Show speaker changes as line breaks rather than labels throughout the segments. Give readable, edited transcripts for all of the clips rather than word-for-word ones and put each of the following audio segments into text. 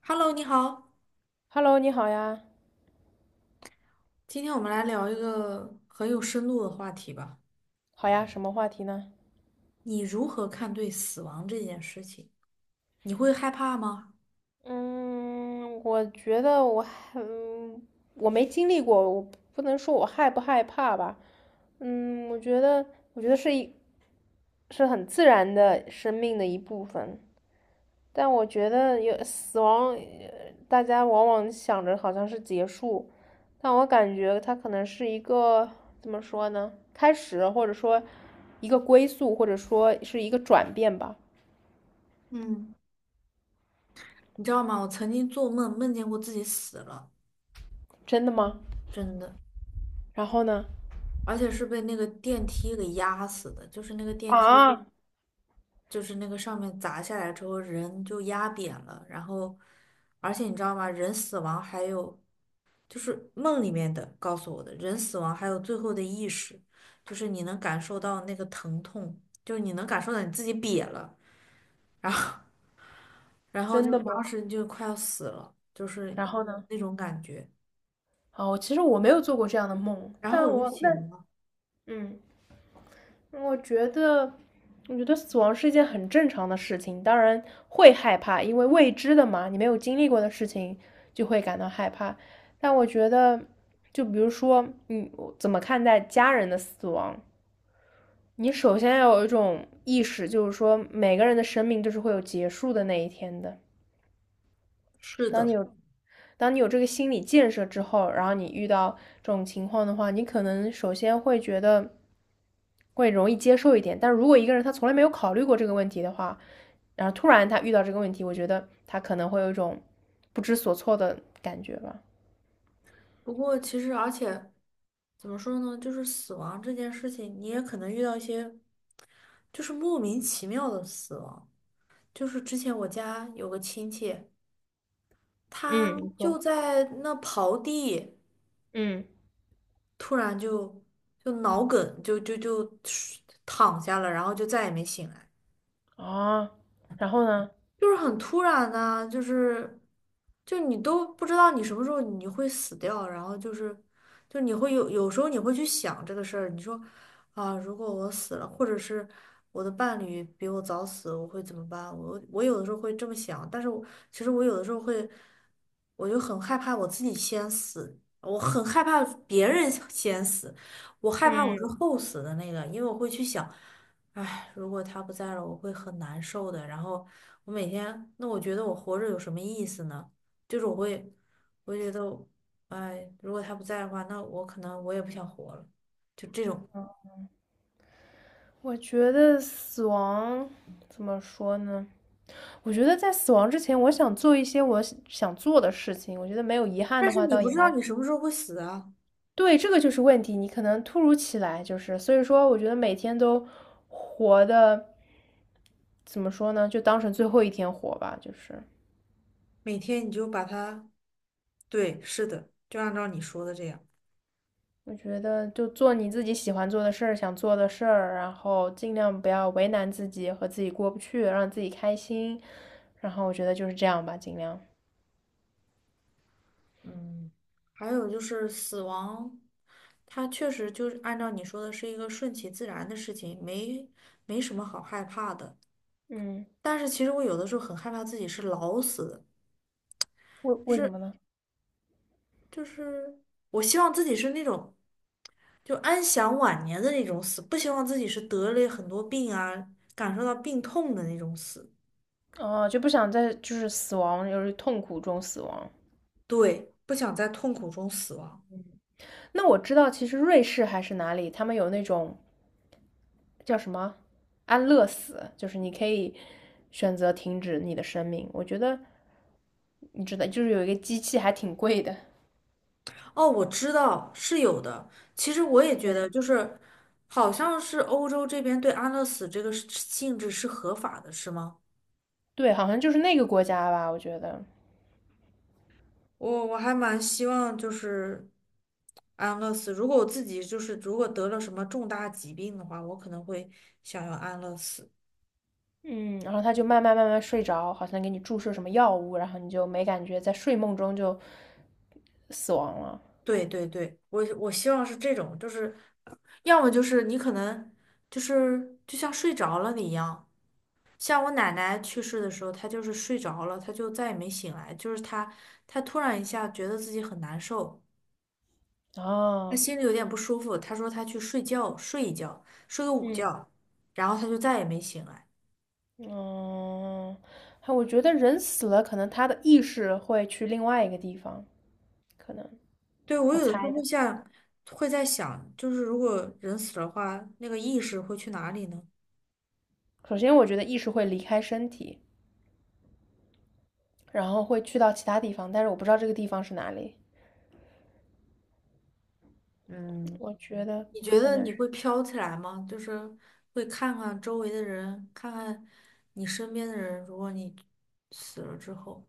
Hello,你好，
Hello，你好呀，
今天我们来聊一个很有深度的话题吧。
好呀，什么话题呢？
你如何看对死亡这件事情？你会害怕吗？
嗯，我觉得我还，我没经历过，我不能说我害不害怕吧。嗯，我觉得，我觉得是很自然的生命的一部分。但我觉得有死亡，大家往往想着好像是结束，但我感觉它可能是一个，怎么说呢？开始，或者说一个归宿，或者说是一个转变吧。
嗯，你知道吗？我曾经做梦梦见过自己死了，
真的吗？
真的，
然后呢？
而且是被那个电梯给压死的，就是那个电梯，
啊，
就是那个上面砸下来之后，人就压扁了，然后，而且你知道吗？人死亡还有就是梦里面的告诉我的，人死亡还有最后的意识，就是你能感受到那个疼痛，就是你能感受到你自己瘪了，然后然后
真
就
的
当
吗？
时就快要死了，就是
然后呢？
那种感觉。
哦，其实我没有做过这样的梦，
然后
但
我就
我那
醒了。
嗯，我觉得，我觉得死亡是一件很正常的事情，当然会害怕，因为未知的嘛，你没有经历过的事情就会感到害怕。但我觉得，就比如说你怎么看待家人的死亡，你首先要有一种意识，就是说每个人的生命都是会有结束的那一天的。
是
当你
的，
有当你有这个心理建设之后，然后你遇到这种情况的话，你可能首先会觉得会容易接受一点。但如果一个人他从来没有考虑过这个问题的话，然后突然他遇到这个问题，我觉得他可能会有一种不知所措的感觉吧。
不过其实而且怎么说呢，就是死亡这件事情，你也可能遇到一些就是莫名其妙的死亡。就是之前我家有个亲戚，
嗯，
他
你
就
说，
在那刨地。
嗯，
突然就脑梗，就躺下了，然后就再也没醒来。
啊，然后呢？
就是很突然啊，就是就你都不知道你什么时候你会死掉，然后就是就你会有时候你会去想这个事儿，你说啊，如果我死了，或者是我的伴侣比我早死，我会怎么办？我有的时候会这么想，但是我其实有的时候会，我就很害怕我自己先死。我很害怕别人先死，我害怕我是
嗯。
后死的那个，因为我会去想。唉，如果他不在了，我会很难受的。然后我每天，那我觉得我活着有什么意思呢？就是我会，我觉得唉，如果他不在的话，那我可能也不想活了。就这种，
我觉得死亡怎么说呢？我觉得在死亡之前，我想做一些我想做的事情。我觉得没有遗憾
但
的
是
话，
你
倒
不
也
知道
还
你什么时候会死啊。
对，这个就是问题。你可能突如其来，就是所以说，我觉得每天都活的怎么说呢？就当成最后一天活吧。就是
每天你就把它，对，是的，就按照你说的这样。
我觉得，就做你自己喜欢做的事儿，想做的事儿，然后尽量不要为难自己和自己过不去，让自己开心。然后我觉得就是这样吧，尽量。
嗯，还有就是死亡，它确实就是按照你说的是一个顺其自然的事情，没没什么好害怕的。
嗯。
但是其实我有的时候很害怕自己是老死的，
为
就
为什
是
么呢？
就是我希望自己是那种就安享晚年的那种死，不希望自己是得了很多病啊，感受到病痛的那种死。
哦，就不想在就是死亡，就是痛苦中死亡。
对，不想在痛苦中死亡。
那我知道，其实瑞士还是哪里，他们有那种叫什么安乐死，就是你可以选择停止你的生命。我觉得你知道，就是有一个机器还挺贵的
哦，我知道是有的。其实我也觉得，
对
就是好像是欧洲这边对安乐死这个是性质是合法的，是吗？
对，好像就是那个国家吧，我觉得。
我还蛮希望就是安乐死。如果我自己就是如果得了什么重大疾病的话，我可能会想要安乐死。
嗯，然后他就慢慢慢慢睡着，好像给你注射什么药物，然后你就没感觉，在睡梦中就死亡了。
对对对，我希望是这种，就是要么就是你可能就是就像睡着了你一样，像我奶奶去世的时候，她就是睡着了，她就再也没醒来，就是她突然一下觉得自己很难受，她
啊，
心里有点不舒服，她说她去睡觉睡一觉，睡个午
嗯。
觉，然后她就再也没醒来。
嗯，还我觉得人死了，可能他的意识会去另外一个地方，可能
对，我
我
有的时
猜
候会
的。
像，会在想，就是如果人死了的话，那个意识会去哪里呢？
首先，我觉得意识会离开身体，然后会去到其他地方，但是我不知道这个地方是哪里。
嗯，
我觉得
你觉
可
得
能
你
是
会飘起来吗？就是会看看周围的人，看看你身边的人，如果你死了之后。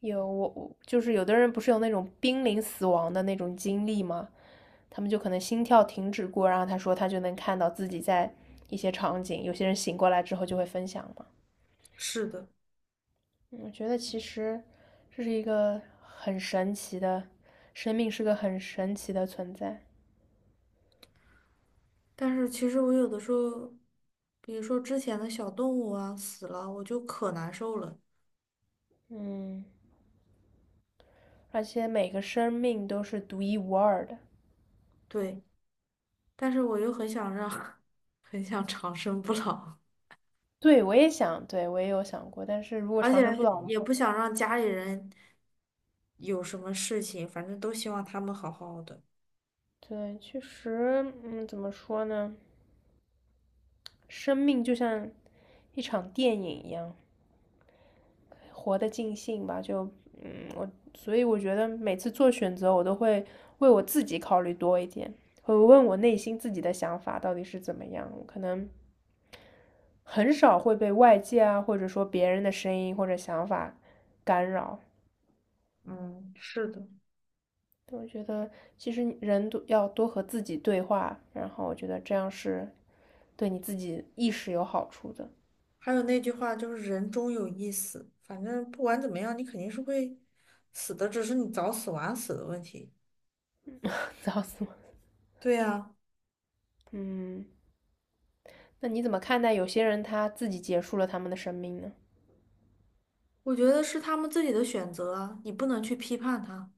有我就是有的人不是有那种濒临死亡的那种经历吗？他们就可能心跳停止过，然后他说他就能看到自己在一些场景，有些人醒过来之后就会分享嘛。
是的，
嗯我觉得其实这是一个很神奇的，生命是个很神奇的存在。
但是其实我有的时候，比如说之前的小动物啊死了，我就可难受了。
嗯，而且每个生命都是独一无二的。
对，但是我又很想让，很想长生不老，
对，我也想，对，我也有想过，但是如果
而
长生不
且
老的
也
话，
不想让家里人有什么事情，反正都希望他们好好的。
对，确实，嗯，怎么说呢？生命就像一场电影一样，活得尽兴吧，就嗯，我所以我觉得每次做选择，我都会为我自己考虑多一点，会问我内心自己的想法到底是怎么样，我可能很少会被外界啊，或者说别人的声音或者想法干扰。
嗯，是的。
我觉得其实人都要多和自己对话，然后我觉得这样是对你自己意识有好处的。
还有那句话就是"人终有一死"，反正不管怎么样，你肯定是会死的，只是你早死晚死的问题。
早死我！
对呀，
嗯，那你怎么看待有些人他自己结束了他们的生命呢？
我觉得是他们自己的选择啊，你不能去批判他。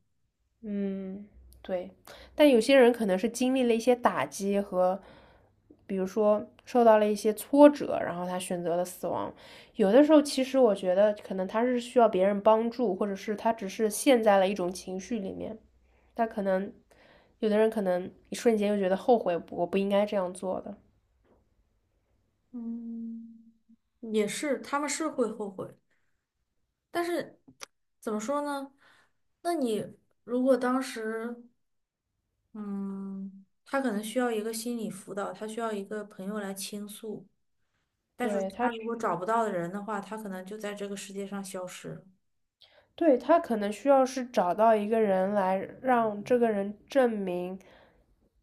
嗯，对，但有些人可能是经历了一些打击和，比如说受到了一些挫折，然后他选择了死亡。有的时候，其实我觉得可能他是需要别人帮助，或者是他只是陷在了一种情绪里面。他可能有的人可能一瞬间又觉得后悔，我不应该这样做的。
嗯，也是，他们是会后悔，但是怎么说呢？那你如果当时，嗯，他可能需要一个心理辅导，他需要一个朋友来倾诉。但是
对，
他如果找不到的人的话，他可能就在这个世界上消失了。
对，他可能需要是找到一个人来让这个人证明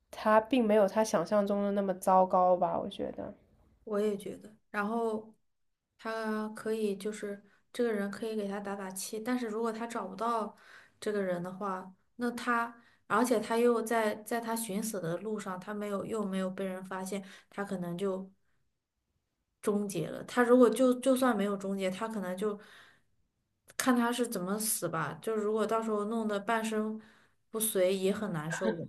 他并没有他想象中的那么糟糕吧，我觉得。
我也觉得，然后他可以就是这个人可以给他打打气，但是如果他找不到这个人的话，那他而且他又在他寻死的路上，他没有又没有被人发现，他可能就终结了。他如果就算没有终结，他可能就看他是怎么死吧。就如果到时候弄得半身不遂，也很难受的。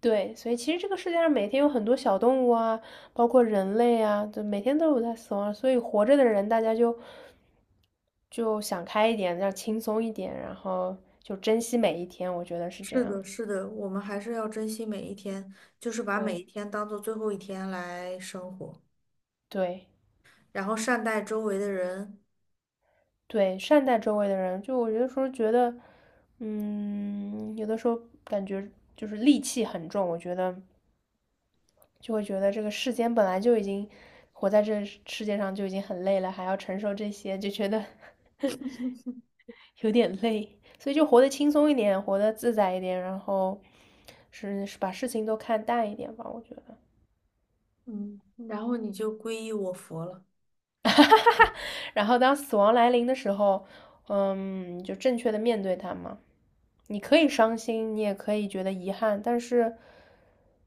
对，所以其实这个世界上每天有很多小动物啊，包括人类啊，就每天都有在死亡，所以活着的人大家就想开一点，要轻松一点，然后就珍惜每一天，我觉得是这
是
样。
的，是的，我们还是要珍惜每一天，就是把每
对，
一天当做最后一天来生活，
对
然后善待周围的人，
对，善待周围的人，就我有的时候觉得，嗯，有的时候感觉就是戾气很重，我觉得就会觉得这个世间本来就已经活在这世界上就已经很累了，还要承受这些，就觉得 有点累，所以就活得轻松一点，活得自在一点，然后是把事情都看淡一点吧，我觉得。
嗯，然后你就皈依我佛了。
然后当死亡来临的时候，就正确的面对它嘛。你可以伤心，你也可以觉得遗憾，但是，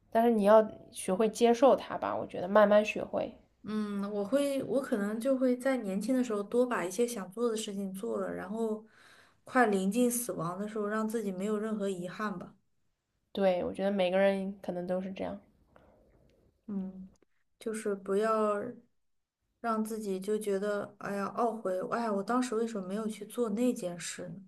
但是你要学会接受它吧。我觉得慢慢学会。
嗯，我会，我可能就会在年轻的时候多把一些想做的事情做了，然后快临近死亡的时候，让自己没有任何遗憾吧。
对，我觉得每个人可能都是这样。
嗯，就是不要让自己就觉得，哎呀，懊悔，哎呀，我当时为什么没有去做那件事呢？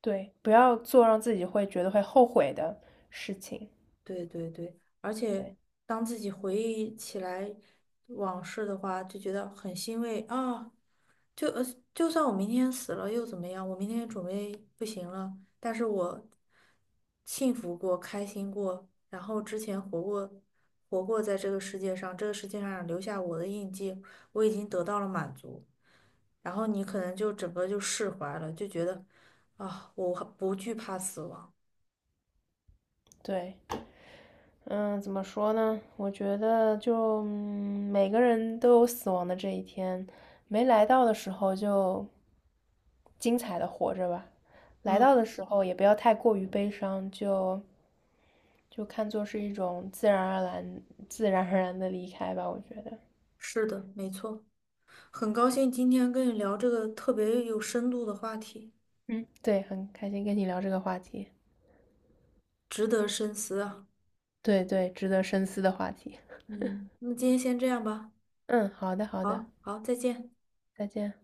对，不要做让自己会觉得会后悔的事情。
对对对，而且
对
当自己回忆起来往事的话，就觉得很欣慰啊。就就算我明天死了又怎么样？我明天准备不行了，但是我幸福过、开心过，然后之前活过、活过在这个世界上，这个世界上留下我的印记，我已经得到了满足。然后你可能就整个就释怀了，就觉得啊，我不惧怕死亡。
对，嗯，怎么说呢？我觉得就，每个人都有死亡的这一天，没来到的时候就精彩的活着吧，来到
嗯，
的时候也不要太过于悲伤，就看作是一种自然而然、自然而然的离开吧。我觉得，
是的，没错。很高兴今天跟你聊这个特别有深度的话题，
嗯，对，很开心跟你聊这个话题，
值得深思啊。
对对，值得深思的话题。
嗯，那今天先这样吧。
嗯，好的好的，
好，好，再见。
再见。